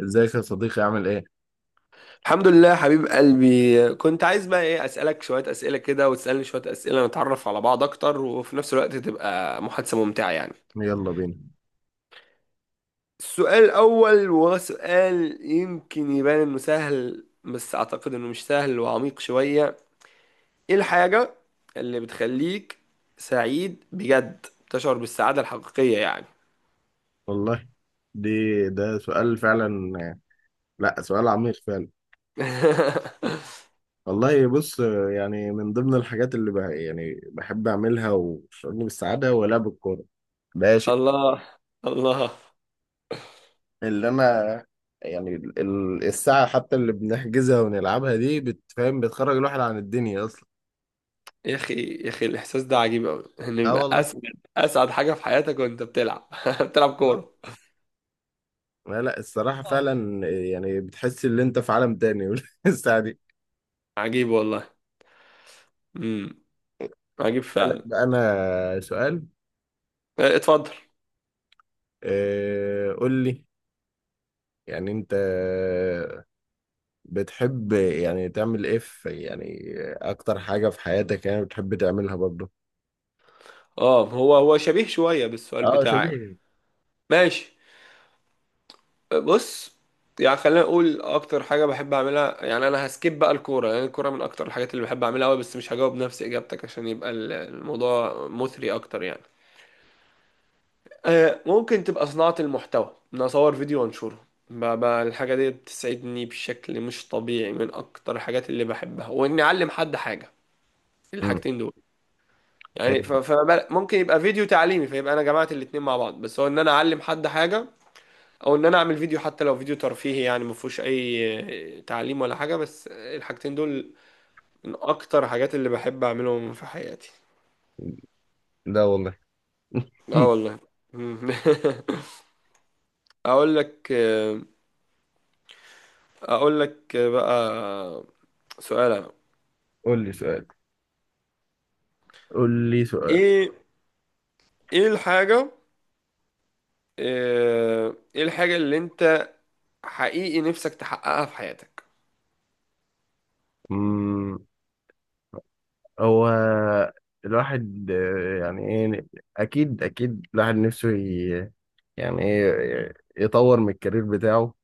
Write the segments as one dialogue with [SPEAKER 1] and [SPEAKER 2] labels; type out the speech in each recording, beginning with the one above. [SPEAKER 1] ازيك يا صديقي عامل ايه؟
[SPEAKER 2] الحمد لله حبيب قلبي، كنت عايز بقى ايه، اسالك شويه اسئله كده وتسالني شويه اسئله، نتعرف على بعض اكتر وفي نفس الوقت تبقى محادثه ممتعه يعني.
[SPEAKER 1] يلا بينا.
[SPEAKER 2] السؤال الاول وهو سؤال يمكن يبان انه سهل بس اعتقد انه مش سهل وعميق شويه. ايه الحاجه اللي بتخليك سعيد بجد؟ تشعر بالسعاده الحقيقيه يعني؟
[SPEAKER 1] والله دي ده سؤال فعلا. لا سؤال عميق فعلا. والله بص، يعني من ضمن الحاجات اللي يعني بحب اعملها وبتشعرني بالسعادة هو لعب الكورة. ده شيء
[SPEAKER 2] الله، الله.
[SPEAKER 1] اللي انا، يعني الساعة حتى اللي بنحجزها ونلعبها دي بتفهم، بتخرج الواحد عن الدنيا اصلا.
[SPEAKER 2] يا اخي، يا اخي الاحساس ده عجيب قوي، ان
[SPEAKER 1] اه
[SPEAKER 2] يبقى
[SPEAKER 1] والله.
[SPEAKER 2] اسعد حاجه في حياتك وانت بتلعب بتلعب
[SPEAKER 1] اه
[SPEAKER 2] كوره.
[SPEAKER 1] لا لا الصراحة فعلا، يعني بتحس ان انت في عالم تاني. الساعة دي.
[SPEAKER 2] عجيب والله. امم، عجيب
[SPEAKER 1] اسألك
[SPEAKER 2] فعلا.
[SPEAKER 1] بقى انا سؤال.
[SPEAKER 2] آه، اتفضل.
[SPEAKER 1] قول لي. يعني انت بتحب يعني تعمل ايه في، يعني اكتر حاجة في حياتك يعني بتحب تعملها برضه.
[SPEAKER 2] اه، هو شبيه شويه بالسؤال
[SPEAKER 1] اه
[SPEAKER 2] بتاعك.
[SPEAKER 1] شبيه.
[SPEAKER 2] ماشي. بص، يعني خلينا نقول اكتر حاجه بحب اعملها، يعني انا هسكيب بقى الكوره لان يعني الكوره من اكتر الحاجات اللي بحب اعملها قوي، بس مش هجاوب نفس اجابتك عشان يبقى الموضوع مثري اكتر يعني. ممكن تبقى صناعة المحتوى، ان اصور فيديو وانشره الحاجة دي بتسعدني بشكل مش طبيعي، من اكتر الحاجات اللي بحبها، واني اعلم حد حاجة.
[SPEAKER 1] امم.
[SPEAKER 2] الحاجتين دول، يعني
[SPEAKER 1] ايوه.
[SPEAKER 2] فممكن يبقى فيديو تعليمي، فيبقى انا جمعت الاتنين مع بعض، بس هو ان انا اعلم حد حاجة، او ان انا اعمل فيديو، حتى لو فيديو ترفيهي يعني ما فيهوش اي تعليم ولا حاجة، بس الحاجتين دول من اكتر الحاجات اللي بحب اعملهم في حياتي.
[SPEAKER 1] لا والله.
[SPEAKER 2] اه والله. اقول لك اقول لك بقى سؤال انا.
[SPEAKER 1] قول لي سؤال، قول لي سؤال.
[SPEAKER 2] ايه ايه الحاجة، ايه الحاجة اللي انت حقيقي نفسك تحققها في حياتك؟
[SPEAKER 1] امم. هو الواحد يعني ايه، اكيد اكيد الواحد نفسه يعني ايه يطور من الكارير بتاعه.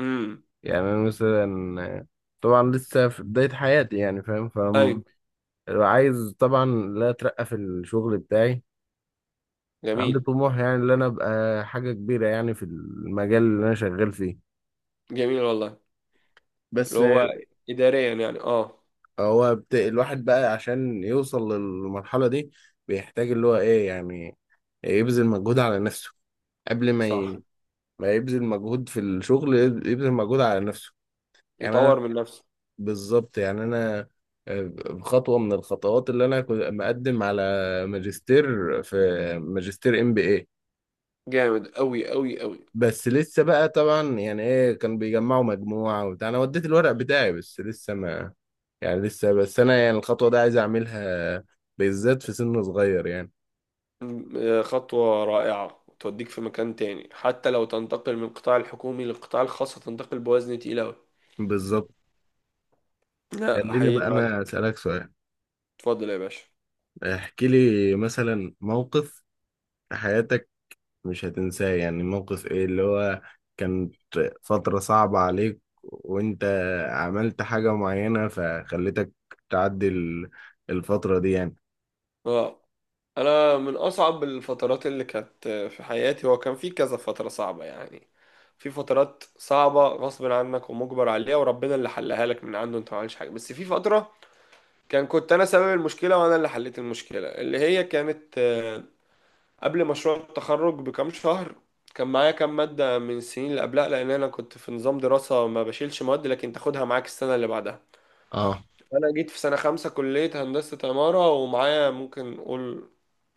[SPEAKER 2] امم،
[SPEAKER 1] يعني انا مثلا طبعا لسه في بداية حياتي يعني فاهم.
[SPEAKER 2] ايوه،
[SPEAKER 1] عايز طبعا لا اترقى في الشغل بتاعي. عندي
[SPEAKER 2] جميل.
[SPEAKER 1] طموح يعني ان انا ابقى حاجه كبيره يعني في المجال اللي انا شغال فيه.
[SPEAKER 2] جميل والله. اللي
[SPEAKER 1] بس
[SPEAKER 2] هو اداريا يعني، اه.
[SPEAKER 1] هو الواحد بقى عشان يوصل للمرحله دي بيحتاج اللي هو ايه يعني يبذل مجهود على نفسه. قبل ما
[SPEAKER 2] صح،
[SPEAKER 1] ي... ما يبذل مجهود في الشغل، يبذل مجهود على نفسه. يعني انا،
[SPEAKER 2] يطور من نفسه،
[SPEAKER 1] بالظبط يعني انا آه، خطوه من الخطوات اللي انا كنت مقدم على ماجستير في، ماجستير ام بي اي،
[SPEAKER 2] جامد قوي قوي قوي.
[SPEAKER 1] بس لسه بقى طبعا يعني ايه كان بيجمعوا مجموعة وبتاع، انا وديت الورق بتاعي بس لسه ما، يعني لسه بس انا يعني الخطوة دي عايز اعملها، بالذات في سن صغير يعني.
[SPEAKER 2] خطوة رائعة توديك في مكان تاني، حتى لو تنتقل من القطاع الحكومي للقطاع الخاص هتنتقل بوزن تقيل قوي.
[SPEAKER 1] بالظبط.
[SPEAKER 2] لا،
[SPEAKER 1] خليني
[SPEAKER 2] احييك
[SPEAKER 1] بقى
[SPEAKER 2] عليها.
[SPEAKER 1] انا اسألك سؤال.
[SPEAKER 2] اتفضل يا باشا.
[SPEAKER 1] احكي لي مثلا موقف في حياتك مش هتنساه، يعني موقف ايه اللي هو كانت فترة صعبة عليك وانت عملت حاجة معينة فخلتك تعدي الفترة دي يعني.
[SPEAKER 2] اه، انا من اصعب الفترات اللي كانت في حياتي، هو كان في كذا فترة صعبة يعني. في فترات صعبة غصب عنك ومجبر عليها، وربنا اللي حلها لك من عنده، انت ما عملتش حاجة. بس في فترة كنت انا سبب المشكلة وانا اللي حليت المشكلة، اللي هي كانت قبل مشروع التخرج بكام شهر. كان معايا كام مادة من السنين اللي قبلها، لان انا كنت في نظام دراسة ما بشيلش مواد لكن تاخدها معاك السنة اللي بعدها.
[SPEAKER 1] اه
[SPEAKER 2] انا جيت في سنة خمسة كلية هندسة عمارة، ومعايا ممكن نقول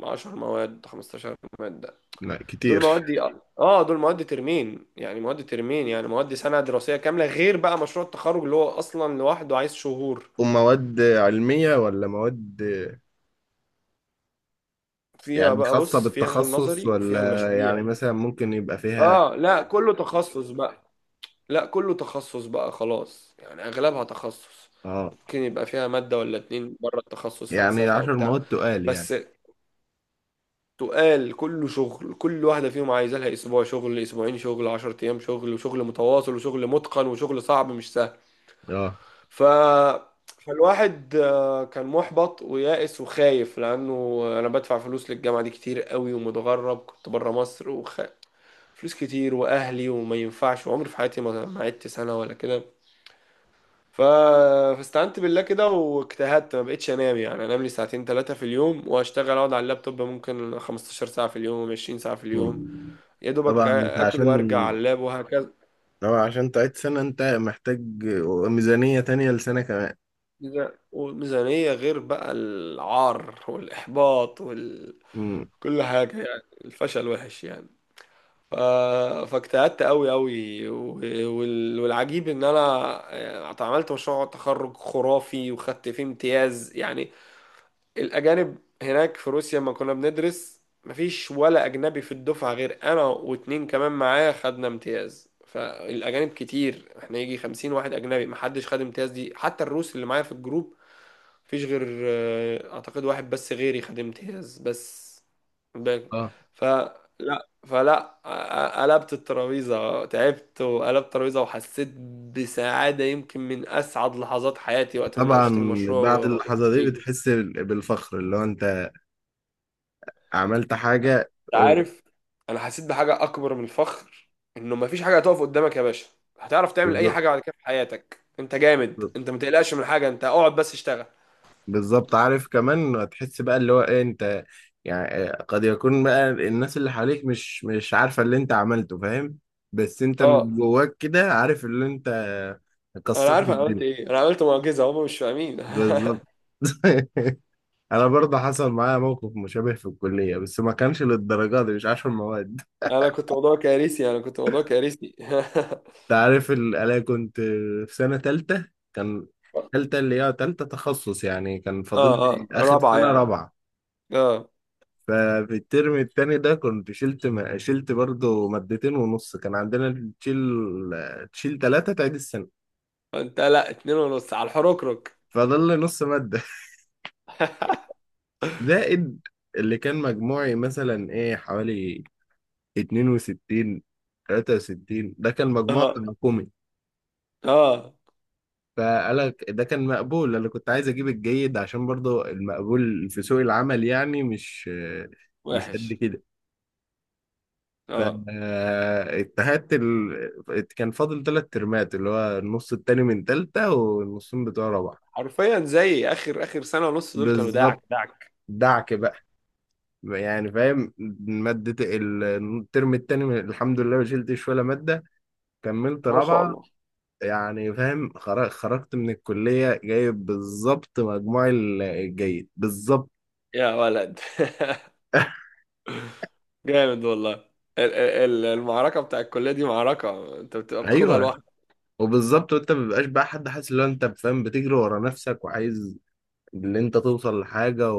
[SPEAKER 2] 10 مواد، 15 مادة.
[SPEAKER 1] لا
[SPEAKER 2] دول
[SPEAKER 1] كتير.
[SPEAKER 2] مواد، اه، دول مواد ترمين، يعني مواد ترمين، يعني مواد سنة دراسية كاملة غير بقى مشروع التخرج اللي هو اصلا لوحده عايز شهور.
[SPEAKER 1] ومواد علمية ولا مواد
[SPEAKER 2] فيها
[SPEAKER 1] يعني
[SPEAKER 2] بقى
[SPEAKER 1] خاصة
[SPEAKER 2] بص، فيها
[SPEAKER 1] بالتخصص،
[SPEAKER 2] النظري وفيها
[SPEAKER 1] ولا
[SPEAKER 2] المشاريع.
[SPEAKER 1] يعني مثلا ممكن يبقى فيها.
[SPEAKER 2] اه لا، كله تخصص بقى، لا كله تخصص بقى خلاص، يعني اغلبها تخصص.
[SPEAKER 1] اه
[SPEAKER 2] ممكن يبقى فيها مادة ولا اتنين بره التخصص،
[SPEAKER 1] يعني
[SPEAKER 2] فلسفة
[SPEAKER 1] عشر
[SPEAKER 2] وبتاع.
[SPEAKER 1] مواد تقال يعني.
[SPEAKER 2] بس تقال، كله شغل، كل واحدة فيهم عايزة لها أسبوع شغل، أسبوعين شغل، عشر أيام شغل، وشغل متواصل وشغل متقن وشغل صعب مش سهل.
[SPEAKER 1] اه.
[SPEAKER 2] ف... فالواحد كان محبط ويائس وخايف، لأنه أنا بدفع فلوس للجامعة دي كتير قوي، ومتغرب كنت برا مصر، فلوس كتير وأهلي، وما ينفعش، وعمري في حياتي ما عدت سنة ولا كده. ف... فاستعنت بالله كده واجتهدت، ما بقتش انام، يعني انام لي ساعتين ثلاثة في اليوم، واشتغل، اقعد على اللابتوب ممكن 15 ساعة في اليوم، 20 ساعة في اليوم،
[SPEAKER 1] مم.
[SPEAKER 2] يا دوبك
[SPEAKER 1] طبعا انت
[SPEAKER 2] اكل
[SPEAKER 1] عشان،
[SPEAKER 2] وارجع على اللاب وهكذا.
[SPEAKER 1] طبعا عشان تعيد سنة انت محتاج ميزانية تانية لسنة كمان.
[SPEAKER 2] وميزانية، غير بقى العار والاحباط
[SPEAKER 1] مم.
[SPEAKER 2] كل حاجة يعني، الفشل وحش يعني. ف... فاجتهدت قوي قوي والعجيب ان انا، يعني اتعملت مشروع تخرج خرافي وخدت فيه امتياز يعني. الأجانب هناك في روسيا لما كنا بندرس مفيش ولا أجنبي في الدفعة غير أنا واتنين كمان معايا خدنا امتياز. فالأجانب كتير، احنا يجي خمسين واحد أجنبي محدش خد امتياز، دي حتى الروس اللي معايا في الجروب مفيش غير أعتقد واحد بس غيري خد امتياز بس. باك.
[SPEAKER 1] اه
[SPEAKER 2] فلا فلا قلبت الترابيزة، تعبت وقلبت الترابيزة، وحسيت بسعادة يمكن من أسعد لحظات حياتي وقت
[SPEAKER 1] طبعا.
[SPEAKER 2] مناقشة المشروع
[SPEAKER 1] بعد
[SPEAKER 2] و...
[SPEAKER 1] اللحظة دي بتحس بالفخر اللي هو انت عملت حاجة
[SPEAKER 2] انت
[SPEAKER 1] أوه.
[SPEAKER 2] عارف، انا حسيت بحاجه اكبر من الفخر، انه مفيش حاجه هتقف قدامك يا باشا. هتعرف تعمل اي
[SPEAKER 1] بالظبط.
[SPEAKER 2] حاجه بعد كده في حياتك، انت جامد، انت ما تقلقش من حاجه، انت اقعد بس اشتغل.
[SPEAKER 1] بالظبط، عارف كمان هتحس بقى اللي هو ايه انت يعني قد يكون بقى الناس اللي حواليك مش عارفة اللي انت عملته فاهم، بس انت
[SPEAKER 2] اه،
[SPEAKER 1] من جواك كده عارف اللي انت
[SPEAKER 2] انا
[SPEAKER 1] كسرت
[SPEAKER 2] عارف، انا قلت
[SPEAKER 1] الدنيا.
[SPEAKER 2] ايه، انا عملت معجزه، هم مش فاهمين.
[SPEAKER 1] بالظبط. انا برضه حصل معايا موقف مشابه في الكلية، بس ما كانش للدرجة دي، مش عشر مواد.
[SPEAKER 2] انا كنت موضوع كارثي، انا كنت موضوع كارثي.
[SPEAKER 1] انت عارف انا كنت في سنة تالتة، كان تالتة اللي هي تالتة تخصص يعني، كان فاضل
[SPEAKER 2] اه،
[SPEAKER 1] لي
[SPEAKER 2] اه،
[SPEAKER 1] اخر
[SPEAKER 2] رابعه
[SPEAKER 1] سنة
[SPEAKER 2] يعني،
[SPEAKER 1] رابعة.
[SPEAKER 2] اه.
[SPEAKER 1] ففي الترم التاني ده كنت شلت شلت برضه مادتين ونص. كان عندنا تشيل، تشيل تلاتة تعيد السنة.
[SPEAKER 2] انت لا، اتنين ونص على الحركرك.
[SPEAKER 1] فضل لي نص مادة زائد اللي كان مجموعي مثلا ايه حوالي اتنين وستين، تلاتة وستين، ده كان مجموع
[SPEAKER 2] اه،
[SPEAKER 1] تراكمي.
[SPEAKER 2] اه،
[SPEAKER 1] فقالك ده كان مقبول. انا كنت عايز اجيب الجيد عشان برضه المقبول في سوق العمل يعني مش مش قد
[SPEAKER 2] وحش.
[SPEAKER 1] كده.
[SPEAKER 2] اه،
[SPEAKER 1] فاتهدت كان فاضل ثلاث ترمات اللي هو النص التاني من تالتة والنصين بتوع رابعة.
[SPEAKER 2] حرفيا زي اخر اخر سنه ونص، دول كانوا داعك
[SPEAKER 1] بالظبط.
[SPEAKER 2] داعك.
[SPEAKER 1] دعك بقى، يعني فاهم. مادة الترم التاني الحمد لله ما شلتش ولا مادة، كملت
[SPEAKER 2] ما شاء
[SPEAKER 1] رابعة.
[SPEAKER 2] الله،
[SPEAKER 1] يعني فاهم، خرجت من الكلية جايب بالظبط مجموع الجيد بالظبط.
[SPEAKER 2] يا ولد. جامد والله. المعركة بتاع الكلية دي معركة انت بتبقى بتاخدها
[SPEAKER 1] ايوه.
[SPEAKER 2] لوحدك.
[SPEAKER 1] وبالظبط، وانت ما بيبقاش بقى حد حاسس ان هو انت فاهم، بتجري ورا نفسك وعايز اللي انت توصل لحاجه.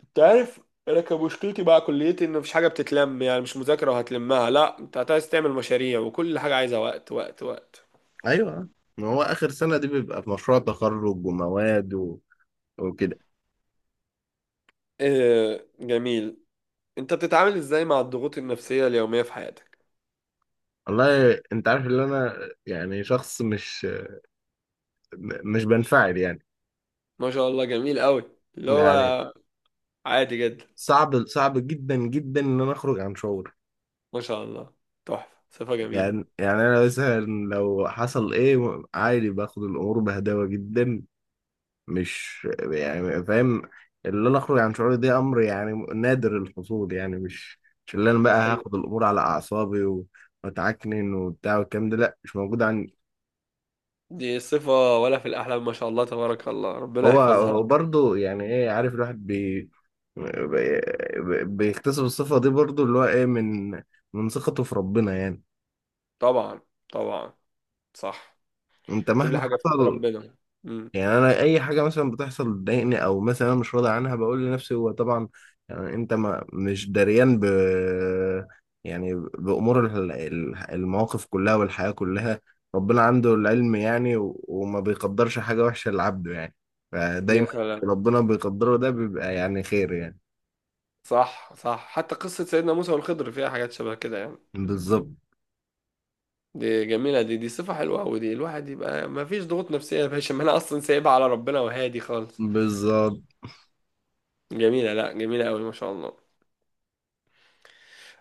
[SPEAKER 2] انت عارف، انا كان مشكلتي بقى كليتي ان مفيش حاجة بتتلم، يعني مش مذاكرة وهتلمها، لا، انت عايز تعمل مشاريع، وكل حاجة عايزة وقت وقت وقت.
[SPEAKER 1] ايوه، ما هو اخر سنه دي بيبقى في مشروع تخرج ومواد و... وكده.
[SPEAKER 2] اه جميل. انت بتتعامل ازاي مع الضغوط النفسية اليومية في حياتك؟
[SPEAKER 1] والله انت عارف ان انا يعني شخص مش مش بنفعل يعني.
[SPEAKER 2] ما شاء الله جميل قوي، اللي هو
[SPEAKER 1] يعني
[SPEAKER 2] عادي جدا.
[SPEAKER 1] صعب صعب جدا جدا ان انا اخرج عن شعور.
[SPEAKER 2] ما شاء الله، تحفة، صفة جميلة.
[SPEAKER 1] يعني يعني انا مثلا لو حصل ايه عادي، باخد الامور بهداوه جدا، مش يعني فاهم اللي انا اخرج عن شعوري ده امر يعني نادر الحصول يعني. مش مش اللي انا بقى
[SPEAKER 2] دي حلوة.
[SPEAKER 1] هاخد الامور على اعصابي و... واتعكنن وبتاع والكلام ده، لا مش موجود.
[SPEAKER 2] دي صفة ولا في الأحلام، ما شاء الله تبارك الله، ربنا
[SPEAKER 1] هو
[SPEAKER 2] يحفظها.
[SPEAKER 1] هو برضه يعني ايه عارف الواحد بيكتسب الصفة دي برضه اللي هو ايه من من ثقته في ربنا يعني.
[SPEAKER 2] طبعا، طبعا، صح.
[SPEAKER 1] انت
[SPEAKER 2] كل
[SPEAKER 1] مهما
[SPEAKER 2] حاجة في ايد
[SPEAKER 1] حصل،
[SPEAKER 2] ربنا. امم.
[SPEAKER 1] يعني انا اي حاجة مثلا بتحصل تضايقني او مثلا انا مش راضي عنها، بقول لنفسي هو طبعا يعني انت ما مش دريان ب يعني بأمور المواقف كلها والحياة كلها، ربنا عنده العلم يعني وما بيقدرش حاجة وحشة لعبده يعني.
[SPEAKER 2] يا
[SPEAKER 1] فدايما
[SPEAKER 2] سلام.
[SPEAKER 1] ربنا بيقدره ده بيبقى يعني خير يعني.
[SPEAKER 2] صح، صح، حتى قصة سيدنا موسى والخضر فيها حاجات شبه كده يعني.
[SPEAKER 1] بالظبط.
[SPEAKER 2] دي جميلة، دي صفة حلوة أوي، دي الواحد يبقى ما فيش ضغوط نفسية يا باشا ما أنا أصلا سايبها على ربنا وهادي خالص.
[SPEAKER 1] بالظبط.
[SPEAKER 2] جميلة، لا جميلة أوي ما شاء الله.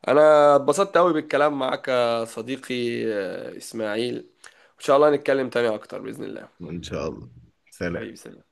[SPEAKER 2] أنا اتبسطت أوي بالكلام معاك يا صديقي، إسماعيل. إن شاء الله نتكلم تاني أكتر بإذن الله.
[SPEAKER 1] ان شاء الله. سلام.
[SPEAKER 2] حبيبي سلام.